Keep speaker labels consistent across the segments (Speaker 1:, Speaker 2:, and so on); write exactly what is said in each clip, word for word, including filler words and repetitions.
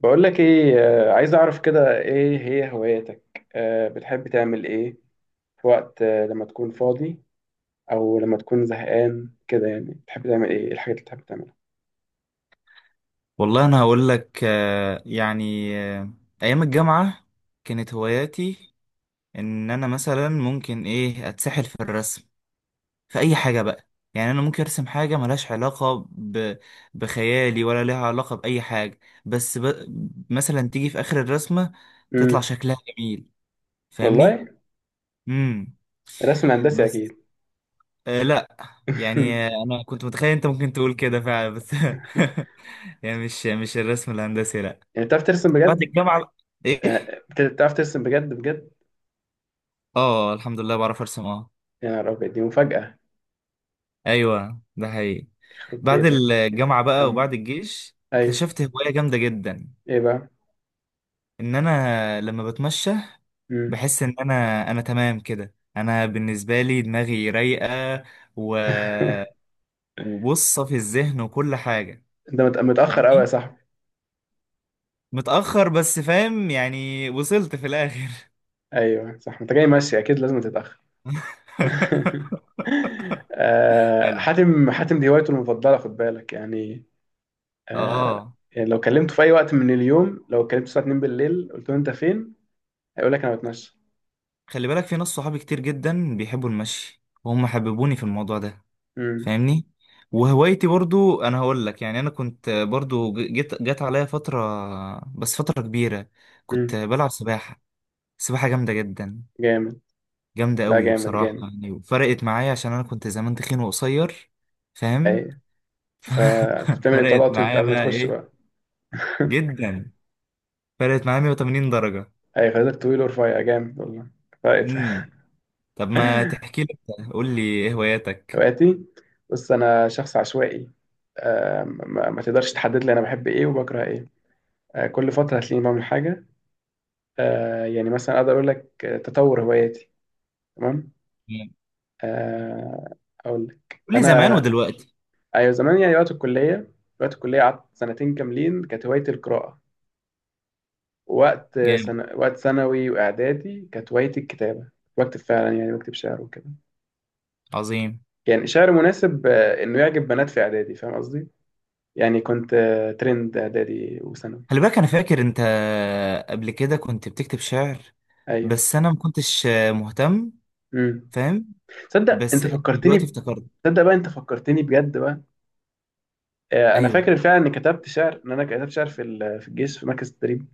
Speaker 1: بقول لك ايه، آه، عايز اعرف كده ايه هي هواياتك، آه، بتحب تعمل ايه في وقت، آه، لما تكون فاضي او لما تكون زهقان كده يعني بتحب تعمل ايه؟ إيه الحاجات اللي بتحب تعملها؟
Speaker 2: والله انا هقول لك، آه، يعني، آه، ايام الجامعه كانت هواياتي ان انا مثلا ممكن ايه اتسحل في الرسم في اي حاجه بقى. يعني انا ممكن ارسم حاجه ملهاش علاقه ب... بخيالي ولا لها علاقه باي حاجه، بس ب... مثلا تيجي في اخر الرسمه تطلع
Speaker 1: امم
Speaker 2: شكلها جميل، فاهمني.
Speaker 1: والله،
Speaker 2: امم.
Speaker 1: الرسم الهندسي
Speaker 2: بس
Speaker 1: اكيد.
Speaker 2: آه لا، يعني آه، انا كنت متخيل انت ممكن تقول كده فعلا بس يعني مش مش الرسم الهندسي لا.
Speaker 1: يعني بتعرف ترسم
Speaker 2: بعد
Speaker 1: بجد؟
Speaker 2: الجامعة ايه؟
Speaker 1: يعني بت- بتعرف ترسم بجد بجد؟
Speaker 2: اه الحمد لله بعرف ارسم اه.
Speaker 1: يا نهار ابيض، دي مفاجأة!
Speaker 2: ايوه ده حقيقي.
Speaker 1: يخرب
Speaker 2: بعد
Speaker 1: بيتك!
Speaker 2: الجامعة بقى
Speaker 1: كمل.
Speaker 2: وبعد الجيش
Speaker 1: ايوه،
Speaker 2: اكتشفت هواية جامدة جدا،
Speaker 1: ايه بقى؟
Speaker 2: ان انا لما بتمشى
Speaker 1: امم
Speaker 2: بحس ان انا انا تمام كده، انا بالنسبة لي دماغي رايقة و... وبصة في الذهن وكل حاجة،
Speaker 1: انت مت- متأخر قوي يا
Speaker 2: فاهمني.
Speaker 1: صاحبي.
Speaker 2: متأخر بس فاهم، يعني وصلت في الاخر.
Speaker 1: ايوه صح، انت جاي ماشي اكيد لازم تتأخر. آه،
Speaker 2: حلو،
Speaker 1: حاتم، حاتم دي هوايته المفضلة، خد بالك يعني. آه،
Speaker 2: اه.
Speaker 1: يعني لو كلمته في أي وقت من اليوم، لو كلمته الساعة اتنين بالليل، قلت له أنت فين؟ هيقول لك أنا بتمشى.
Speaker 2: خلي بالك في ناس صحابي كتير جدا بيحبوا المشي وهم حببوني في الموضوع ده،
Speaker 1: مم.
Speaker 2: فاهمني. وهوايتي برضو انا هقول لك، يعني انا كنت برضو ج- جت جت عليا فترة، بس فترة كبيرة، كنت
Speaker 1: مم.
Speaker 2: بلعب سباحة، سباحة جامدة جدا،
Speaker 1: جامد.
Speaker 2: جامدة
Speaker 1: لا،
Speaker 2: قوي
Speaker 1: جامد
Speaker 2: بصراحة،
Speaker 1: جامد.
Speaker 2: يعني وفرقت معايا عشان انا كنت زمان تخين وقصير، فاهم.
Speaker 1: أي. فكنت بتعمل
Speaker 2: فرقت
Speaker 1: إطلالات وأنت
Speaker 2: معايا
Speaker 1: قبل ما
Speaker 2: بقى
Speaker 1: تخش
Speaker 2: ايه،
Speaker 1: بقى.
Speaker 2: جدا، فرقت معايا مية وتمانين درجة.
Speaker 1: أي، خدتك طويل ورفيع جامد والله. فرقت.
Speaker 2: امم. طب ما تحكي لي، قول لي ايه هواياتك،
Speaker 1: هواياتي. بص، أنا شخص عشوائي. آه، ما ما تقدرش تحدد لي أنا بحب إيه وبكره إيه. آه، كل فترة هتلاقيني بعمل حاجة. آه يعني مثلا اقدر اقول لك، آه، تطور هواياتي. تمام. آه اقول لك
Speaker 2: قول لي
Speaker 1: انا.
Speaker 2: زمان ودلوقتي.
Speaker 1: ايوه زمان، يعني وقت الكليه. وقت الكليه قعدت سنتين كاملين كانت هوايتي القراءه. وقت
Speaker 2: جامد.
Speaker 1: سنة، وقت ثانوي واعدادي، كانت هوايتي الكتابه. بكتب فعلا، يعني بكتب شعر وكده.
Speaker 2: عظيم.
Speaker 1: يعني شعر مناسب، آه، انه يعجب بنات في اعدادي، فاهم قصدي؟ يعني كنت آه، ترند اعدادي وثانوي.
Speaker 2: خلي بالك انا فاكر انت قبل كده كنت بتكتب شعر،
Speaker 1: ايوه.
Speaker 2: بس انا ما كنتش مهتم،
Speaker 1: امم
Speaker 2: فاهم،
Speaker 1: تصدق
Speaker 2: بس
Speaker 1: انت فكرتني
Speaker 2: دلوقتي
Speaker 1: ب...
Speaker 2: افتكرت.
Speaker 1: تصدق بقى انت فكرتني بجد بقى. آه، انا
Speaker 2: ايوه
Speaker 1: فاكر فعلا اني كتبت شعر، ان انا كتبت شعر في ال- في الجيش في مركز التدريب.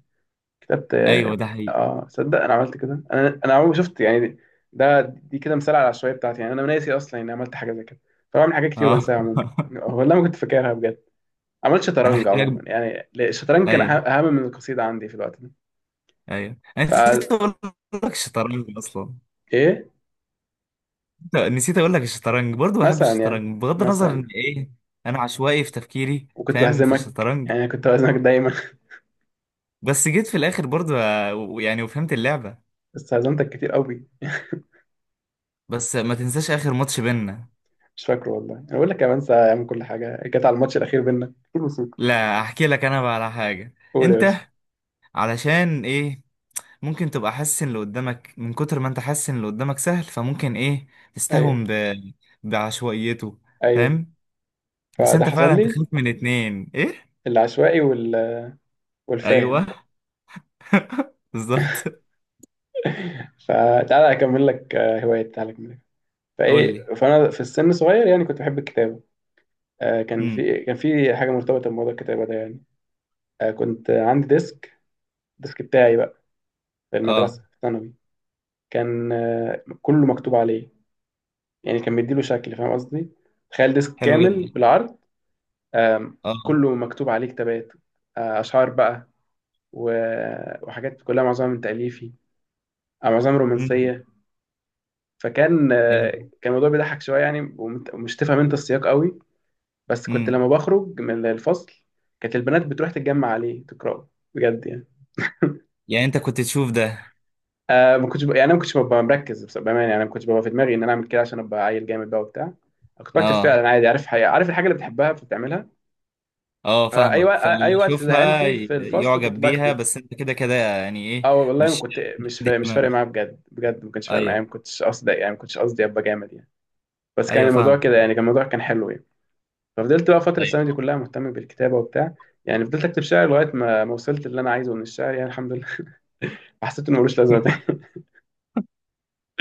Speaker 1: كتبت اه
Speaker 2: ايوه ده
Speaker 1: ك-
Speaker 2: حقيقي،
Speaker 1: آه، صدق، انا عملت كده، انا انا عمري ما شفت يعني. ده دي كده مثال على العشوائيه بتاعتي، يعني انا ناسي اصلا اني عملت حاجه زي كده. فبعمل حاجات كتير
Speaker 2: اه.
Speaker 1: وبنساها عموما، والله ما كنت فاكرها بجد. عملت
Speaker 2: انا
Speaker 1: شطرنج
Speaker 2: هحكي لك.
Speaker 1: عموما يعني. لا، الشطرنج كان
Speaker 2: ايوه
Speaker 1: أه- اهم من القصيده عندي في الوقت ده.
Speaker 2: ايوه انا
Speaker 1: ف
Speaker 2: نسيت اقول لك الشطرنج اصلا،
Speaker 1: ايه.
Speaker 2: نسيت اقول لك الشطرنج برضو، بحب
Speaker 1: مثلا يعني،
Speaker 2: الشطرنج بغض النظر ان
Speaker 1: مثلا.
Speaker 2: ايه، انا عشوائي في تفكيري،
Speaker 1: وكنت
Speaker 2: فاهم في
Speaker 1: بهزمك،
Speaker 2: الشطرنج.
Speaker 1: يعني كنت بهزمك دايما.
Speaker 2: بس جيت في الاخر برضو آه، و- يعني وفهمت اللعبة.
Speaker 1: بس هزمتك كتير قوي.
Speaker 2: بس ما تنساش اخر ماتش بينا.
Speaker 1: مش فاكره والله، انا بقول لك يا بنسى اعمل كل حاجه كانت على الماتش الاخير بينا.
Speaker 2: لا احكي لك انا بقى على حاجه،
Speaker 1: قول يا باشا.
Speaker 2: انت علشان ايه، ممكن تبقى حاسس ان اللي قدامك، من كتر ما انت حاسس ان اللي قدامك سهل، فممكن ايه تستهون
Speaker 1: ايوه،
Speaker 2: ب... بعشوائيته،
Speaker 1: ايوه،
Speaker 2: فاهم. بس
Speaker 1: فده
Speaker 2: انت
Speaker 1: حصل
Speaker 2: فعلا
Speaker 1: لي.
Speaker 2: تخاف من اتنين ايه؟
Speaker 1: العشوائي وال... والفاهم.
Speaker 2: ايوه بالظبط.
Speaker 1: فتعالى اكمل لك آه، هوايه، تعالى اكمل لك.
Speaker 2: قول
Speaker 1: فايه،
Speaker 2: لي.
Speaker 1: فانا في السن صغير يعني كنت بحب الكتابه. آه، كان
Speaker 2: امم،
Speaker 1: في كان في حاجه مرتبطه بموضوع الكتابه ده يعني. آه، كنت عندي ديسك، الديسك بتاعي بقى، في
Speaker 2: اه.
Speaker 1: المدرسه في ثانوي. كان آه، كله مكتوب عليه، يعني كان مديله شكل، فاهم قصدي؟ تخيل ديسك
Speaker 2: حلو
Speaker 1: كامل
Speaker 2: جدا.
Speaker 1: بالعرض. آم،
Speaker 2: اه.
Speaker 1: كله مكتوب عليه كتابات، آه، اشعار بقى، و- وحاجات كلها، معظمها من تاليفي، معظمها
Speaker 2: امم.
Speaker 1: رومانسيه. فكان آه،
Speaker 2: ايوه.
Speaker 1: كان الموضوع بيضحك شويه يعني، ومت- ومش تفهم انت السياق قوي. بس كنت
Speaker 2: امم.
Speaker 1: لما بخرج من الفصل كانت البنات بتروح تتجمع عليه تقراه، بجد يعني.
Speaker 2: يعني انت كنت تشوف ده.
Speaker 1: آه ما كنتش ب... يعني انا ما كنتش ببقى مركز، بس- بامانه، يعني أنا ما كنتش ببقى في دماغي ان انا اعمل كده عشان ابقى عيل جامد بقى وبتاع. أنا كنت بكتب
Speaker 2: اه،
Speaker 1: فعلا عادي، عارف حقيقة. عارف الحاجه اللي بتحبها فبتعملها.
Speaker 2: اه
Speaker 1: فاي
Speaker 2: فاهمك،
Speaker 1: وقت، اي
Speaker 2: فاللي
Speaker 1: وقت زهقان
Speaker 2: يشوفها
Speaker 1: فيه
Speaker 2: ي-
Speaker 1: في الفصل كنت
Speaker 2: يعجب بيها،
Speaker 1: بكتب.
Speaker 2: بس انت كده كده يعني ايه،
Speaker 1: اه والله، ما
Speaker 2: مش
Speaker 1: كنت مش
Speaker 2: كده
Speaker 1: فا... مش فارق
Speaker 2: كمان،
Speaker 1: معايا بجد بجد، ما كانش فارق معايا،
Speaker 2: ايوه.
Speaker 1: ما كنتش قصدي يعني، ما كنتش قصدي ابقى جامد يعني. بس كان
Speaker 2: ايوه
Speaker 1: الموضوع
Speaker 2: فاهم.
Speaker 1: كده يعني، كان الموضوع كان حلو يعني. ففضلت بقى فترة، السنة دي
Speaker 2: ايوه.
Speaker 1: كلها مهتم بالكتابة وبتاع. يعني فضلت أكتب شعر لغاية ما ما وصلت اللي أنا عايزه من الشعر، يعني الحمد لله. حسيت إنه ملوش لازمة تاني.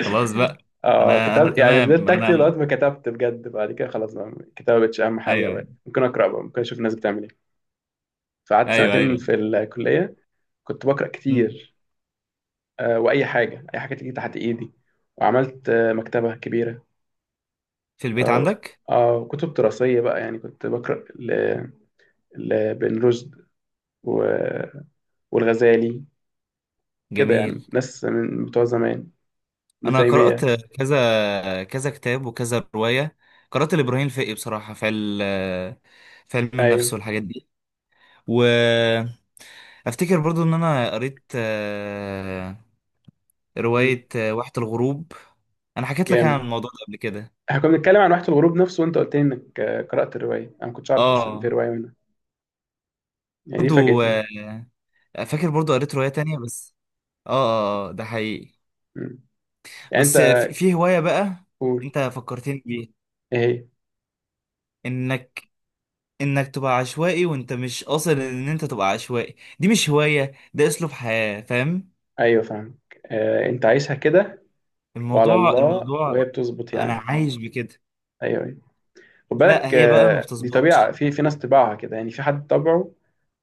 Speaker 2: خلاص بقى.
Speaker 1: آه
Speaker 2: انا انا
Speaker 1: كتبت، يعني
Speaker 2: تمام
Speaker 1: فضلت أكتب لغاية
Speaker 2: انا.
Speaker 1: ما كتبت بجد. بعد كده خلاص بقى، الكتابة مبقتش أهم حاجة
Speaker 2: ايوه
Speaker 1: بقى،
Speaker 2: ايوه
Speaker 1: ممكن أقرأ بقى، ممكن أشوف الناس بتعمل إيه. فقعدت
Speaker 2: ايوه
Speaker 1: سنتين
Speaker 2: ايوه.
Speaker 1: في الكلية، كنت بقرأ
Speaker 2: أمم.
Speaker 1: كتير، آه وأي حاجة، أي حاجة تيجي تحت إيدي. وعملت آه مكتبة كبيرة.
Speaker 2: في البيت
Speaker 1: آه
Speaker 2: عندك.
Speaker 1: آه كتب دراسية بقى يعني، كنت بقرأ ل... لابن رشد و... والغزالي كده، يعني
Speaker 2: جميل.
Speaker 1: ناس من بتوع زمان، من
Speaker 2: انا قرأت
Speaker 1: تيمية.
Speaker 2: كذا كذا كتاب وكذا رواية، قرأت لإبراهيم الفقي بصراحة في ال في علم النفس
Speaker 1: ايوه.
Speaker 2: والحاجات دي، وافتكر برضو ان انا قريت آه،
Speaker 1: مم.
Speaker 2: رواية آه، واحة الغروب، انا حكيت لك عن
Speaker 1: جامد.
Speaker 2: الموضوع ده قبل كده،
Speaker 1: احنا كنا بنتكلم عن واحة الغروب نفسه وانت قلت لي انك آه، قرأت الرواية، انا ما كنتش اعرف اصلا ان في
Speaker 2: اه.
Speaker 1: رواية منها. يعني دي
Speaker 2: برضو
Speaker 1: فاجأتني.
Speaker 2: آه، فاكر برضو قريت رواية تانية بس، اه، اه آه، ده حقيقي.
Speaker 1: مم. يعني انت.
Speaker 2: بس في في هواية بقى
Speaker 1: قول،
Speaker 2: انت فكرتني بيها،
Speaker 1: ايه هي؟
Speaker 2: انك انك تبقى عشوائي وانت مش قاصد ان انت تبقى عشوائي، دي مش هواية، ده اسلوب حياة، فاهم.
Speaker 1: ايوه فاهمك، آه، انت عايشها كده وعلى
Speaker 2: الموضوع
Speaker 1: الله،
Speaker 2: الموضوع،
Speaker 1: وهي بتظبط
Speaker 2: انا
Speaker 1: يعني.
Speaker 2: عايش بكده.
Speaker 1: ايوه، ايوه. خد
Speaker 2: لا
Speaker 1: بالك
Speaker 2: هي بقى ما
Speaker 1: آه، دي
Speaker 2: بتظبطش.
Speaker 1: طبيعة، في في ناس طباعها كده، يعني في حد طبعه.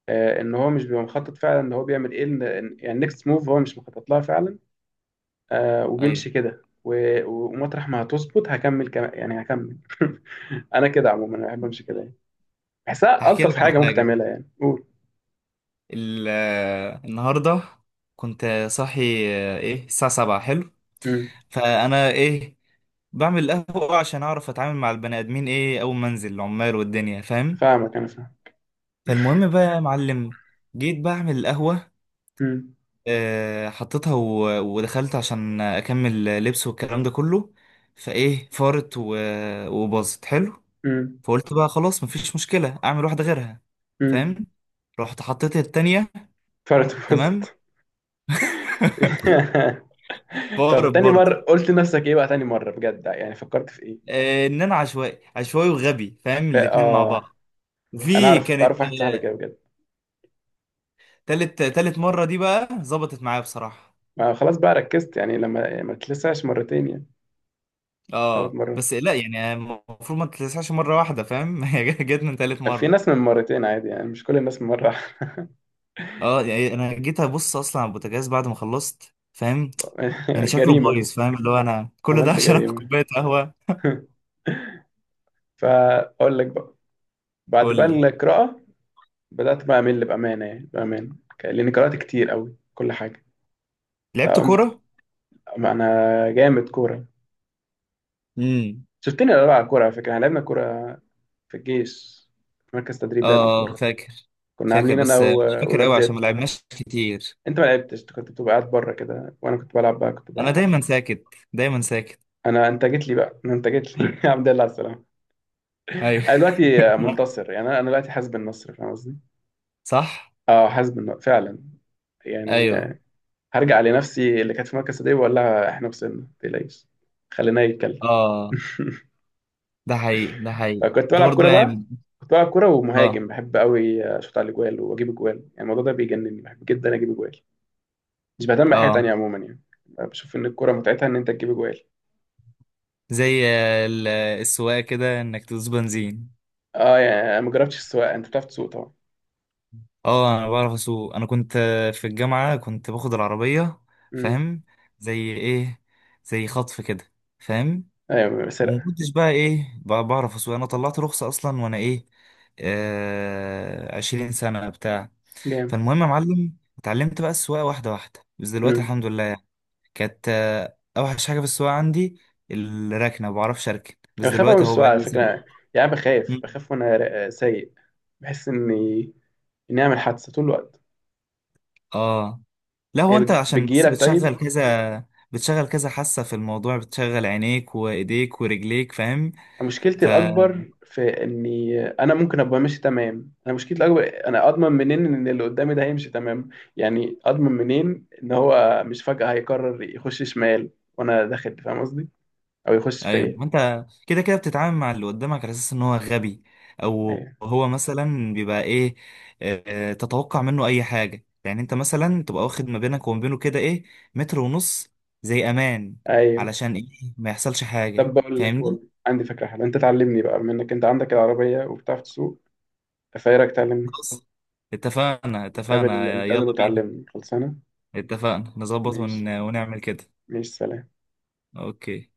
Speaker 1: آه، ان هو مش بيبقى مخطط فعلا ان هو بيعمل ايه، إن- إن- يعني نكست موف هو مش مخطط لها فعلا. آه
Speaker 2: ايوه
Speaker 1: وبيمشي كده و- ومطرح ما هتظبط هكمل كم... يعني هكمل. انا كده عموما، انا بحب امشي كده يعني، بحسها
Speaker 2: هحكي
Speaker 1: الطف
Speaker 2: لك على
Speaker 1: حاجه ممكن
Speaker 2: حاجة.
Speaker 1: تعملها. يعني قول.
Speaker 2: ال- آه، النهاردة كنت صاحي، آه، ايه الساعة سبعة حلو.
Speaker 1: امم
Speaker 2: فانا ايه بعمل قهوة عشان اعرف اتعامل مع البني ادمين ايه اول ما انزل العمال والدنيا، فاهم.
Speaker 1: فاهمك، انا فاهم.
Speaker 2: فالمهم بقى يا معلم، جيت بعمل القهوة،
Speaker 1: امم.
Speaker 2: آه، حطيتها و- ودخلت عشان أكمل لبس والكلام ده كله، فإيه فارت و- وباظت، حلو.
Speaker 1: امم.
Speaker 2: فقلت بقى خلاص مفيش مشكلة أعمل واحدة غيرها،
Speaker 1: امم.
Speaker 2: فاهم، رحت حطيت التانية،
Speaker 1: فرد.
Speaker 2: تمام،
Speaker 1: وسط. طب
Speaker 2: فارت
Speaker 1: تاني
Speaker 2: برضه.
Speaker 1: مره، قلت لنفسك ايه بقى تاني مره بجد؟ يعني فكرت في ايه؟
Speaker 2: آه، إن أنا عشوائي عشوائي وغبي، فاهم،
Speaker 1: ف-
Speaker 2: الاتنين مع
Speaker 1: اه
Speaker 2: بعض.
Speaker 1: انا
Speaker 2: وفي
Speaker 1: اعرف
Speaker 2: كانت
Speaker 1: اعرف واحد صاحبي
Speaker 2: آه،
Speaker 1: كده بجد.
Speaker 2: تالت تالت مرة دي بقى ظبطت معايا بصراحة.
Speaker 1: ما خلاص بقى، ركزت يعني لما، يعني ما تلسعش مرتين يعني. ثلاث
Speaker 2: اه
Speaker 1: مرات.
Speaker 2: بس لا، يعني المفروض ما تتلسعش مره واحده، فاهم. هي جت من تالت
Speaker 1: في
Speaker 2: مره.
Speaker 1: ناس من مرتين عادي يعني، مش كل الناس من مره.
Speaker 2: اه يعني انا جيت ابص اصلا على البوتاجاز بعد ما خلصت، فاهم، يعني شكله
Speaker 1: جريمه.
Speaker 2: بايظ، فاهم اللي هو انا كل ده
Speaker 1: عملت
Speaker 2: عشان اخد
Speaker 1: جريمة.
Speaker 2: كوبايه قهوه.
Speaker 1: فأقول لك بقى، بعد
Speaker 2: قول
Speaker 1: بقى
Speaker 2: لي.
Speaker 1: القراءة، بدأت بقى أمل بأمانة، يعني بأمانة، ك- لأني قرأت كتير أوي كل حاجة.
Speaker 2: لعبت
Speaker 1: فقمت.
Speaker 2: كوره.
Speaker 1: ما أنا جامد كورة،
Speaker 2: امم.
Speaker 1: شفتني أنا بلعب كورة؟ على فكرة إحنا لعبنا كورة، في الجيش في مركز
Speaker 2: اه
Speaker 1: تدريب، لعبنا
Speaker 2: آه،
Speaker 1: كورة.
Speaker 2: فاكر،
Speaker 1: كنا
Speaker 2: فاكر
Speaker 1: عاملين أنا
Speaker 2: بس
Speaker 1: و-
Speaker 2: مش فاكر
Speaker 1: والواد
Speaker 2: قوي عشان ما
Speaker 1: زياد.
Speaker 2: لعبناش كتير.
Speaker 1: أنت ما لعبتش، أنت كنت بتبقى قاعد بره كده وأنا كنت بلعب بقى، كنت
Speaker 2: انا
Speaker 1: بقى.
Speaker 2: دايما ساكت، دايما ساكت.
Speaker 1: أنا أنت جيت لي بقى أنا أنت جيت لي. الحمد لله على السلامة.
Speaker 2: ايوه.
Speaker 1: أنا دلوقتي منتصر، يعني أنا أنا دلوقتي حاسب النصر، فاهم قصدي؟
Speaker 2: صح.
Speaker 1: أه، حاسب النصر فعلا، يعني
Speaker 2: ايوه،
Speaker 1: هرجع لنفسي اللي كانت في مركز صديق واقول لها احنا وصلنا، ما تقلقيش. خلينا يتكلم.
Speaker 2: اه. ده حقيقي ده حقيقي
Speaker 1: فكنت
Speaker 2: انت
Speaker 1: بلعب
Speaker 2: برضه
Speaker 1: كوره بقى،
Speaker 2: يعني،
Speaker 1: كنت بلعب كوره
Speaker 2: اه،
Speaker 1: ومهاجم، بحب قوي اشوط على الاجوال واجيب اجوال، يعني الموضوع ده بيجنني، بحب جدا اجيب اجوال. مش بهتم بحاجه
Speaker 2: اه.
Speaker 1: تانية عموما يعني، بشوف ان الكوره متعتها ان انت تجيب اجوال.
Speaker 2: زي ال- السواقة كده انك تدوس بنزين.
Speaker 1: اه يعني، انا ما جربتش السواقه، انت بتعرف تسوق طبعا.
Speaker 2: اه انا بعرف اسوق، انا كنت في الجامعة كنت باخد العربية،
Speaker 1: امم.
Speaker 2: فاهم، زي ايه، زي خطف كده، فاهم.
Speaker 1: ايوه
Speaker 2: وما
Speaker 1: سرقه.
Speaker 2: كنتش بقى ايه بقى بعرف اسوق، انا طلعت رخصة اصلا وانا ايه، آه عشرين سنة بتاع.
Speaker 1: جامد.
Speaker 2: فالمهم يا معلم اتعلمت بقى السواقة واحدة واحدة، بس دلوقتي
Speaker 1: امم.
Speaker 2: الحمد لله يعني. كانت آه، اوحش حاجة في السواقة عندي الركنة، ما بعرفش اركن، بس
Speaker 1: أنا بخاف قوي من
Speaker 2: دلوقتي اهو
Speaker 1: السواقه
Speaker 2: بقى
Speaker 1: على
Speaker 2: لي
Speaker 1: فكره
Speaker 2: سنة.
Speaker 1: يعني، أنا بخاف بخاف وانا را- سايق، بحس اني اني اعمل حادثه طول الوقت.
Speaker 2: اه لا، هو
Speaker 1: هي
Speaker 2: انت
Speaker 1: بتجي-
Speaker 2: عشان بس
Speaker 1: بتجيلك طيب.
Speaker 2: بتشغل كذا بتشغل كذا حاسة في الموضوع، بتشغل عينيك وايديك ورجليك، فاهم.
Speaker 1: مشكلتي
Speaker 2: ف
Speaker 1: الأكبر في إني أنا ممكن أبقى ماشي تمام، أنا مشكلتي الأكبر أنا أضمن منين إن اللي قدامي ده هيمشي تمام. يعني أضمن منين إن هو مش فجأة هيقرر يخش شمال وأنا داخل، فاهم قصدي؟ أو يخش
Speaker 2: ايوه
Speaker 1: فيا.
Speaker 2: ما انت كده كده بتتعامل مع اللي قدامك على اساس ان هو غبي، او
Speaker 1: أيوه.
Speaker 2: هو مثلا بيبقى ايه، آه، تتوقع منه اي حاجة، يعني انت مثلا تبقى واخد ما بينك وما بينه كده ايه، متر ونص، زي امان،
Speaker 1: أيوه.
Speaker 2: علشان ايه ما يحصلش حاجة،
Speaker 1: طب بقول لك، بقول
Speaker 2: فاهمني.
Speaker 1: لك عندي فكرة حلوة، أنت تعلمني بقى بما إنك أنت عندك العربية وبتعرف تسوق، فإيه رأيك تعلمني؟
Speaker 2: خلاص اتفقنا
Speaker 1: نتقابل،
Speaker 2: اتفقنا
Speaker 1: نتقابل
Speaker 2: يلا بينا،
Speaker 1: وتعلمني، خلصانة؟
Speaker 2: اتفقنا نظبط
Speaker 1: ماشي.
Speaker 2: ون... ونعمل كده،
Speaker 1: ماشي. سلام.
Speaker 2: اوكي.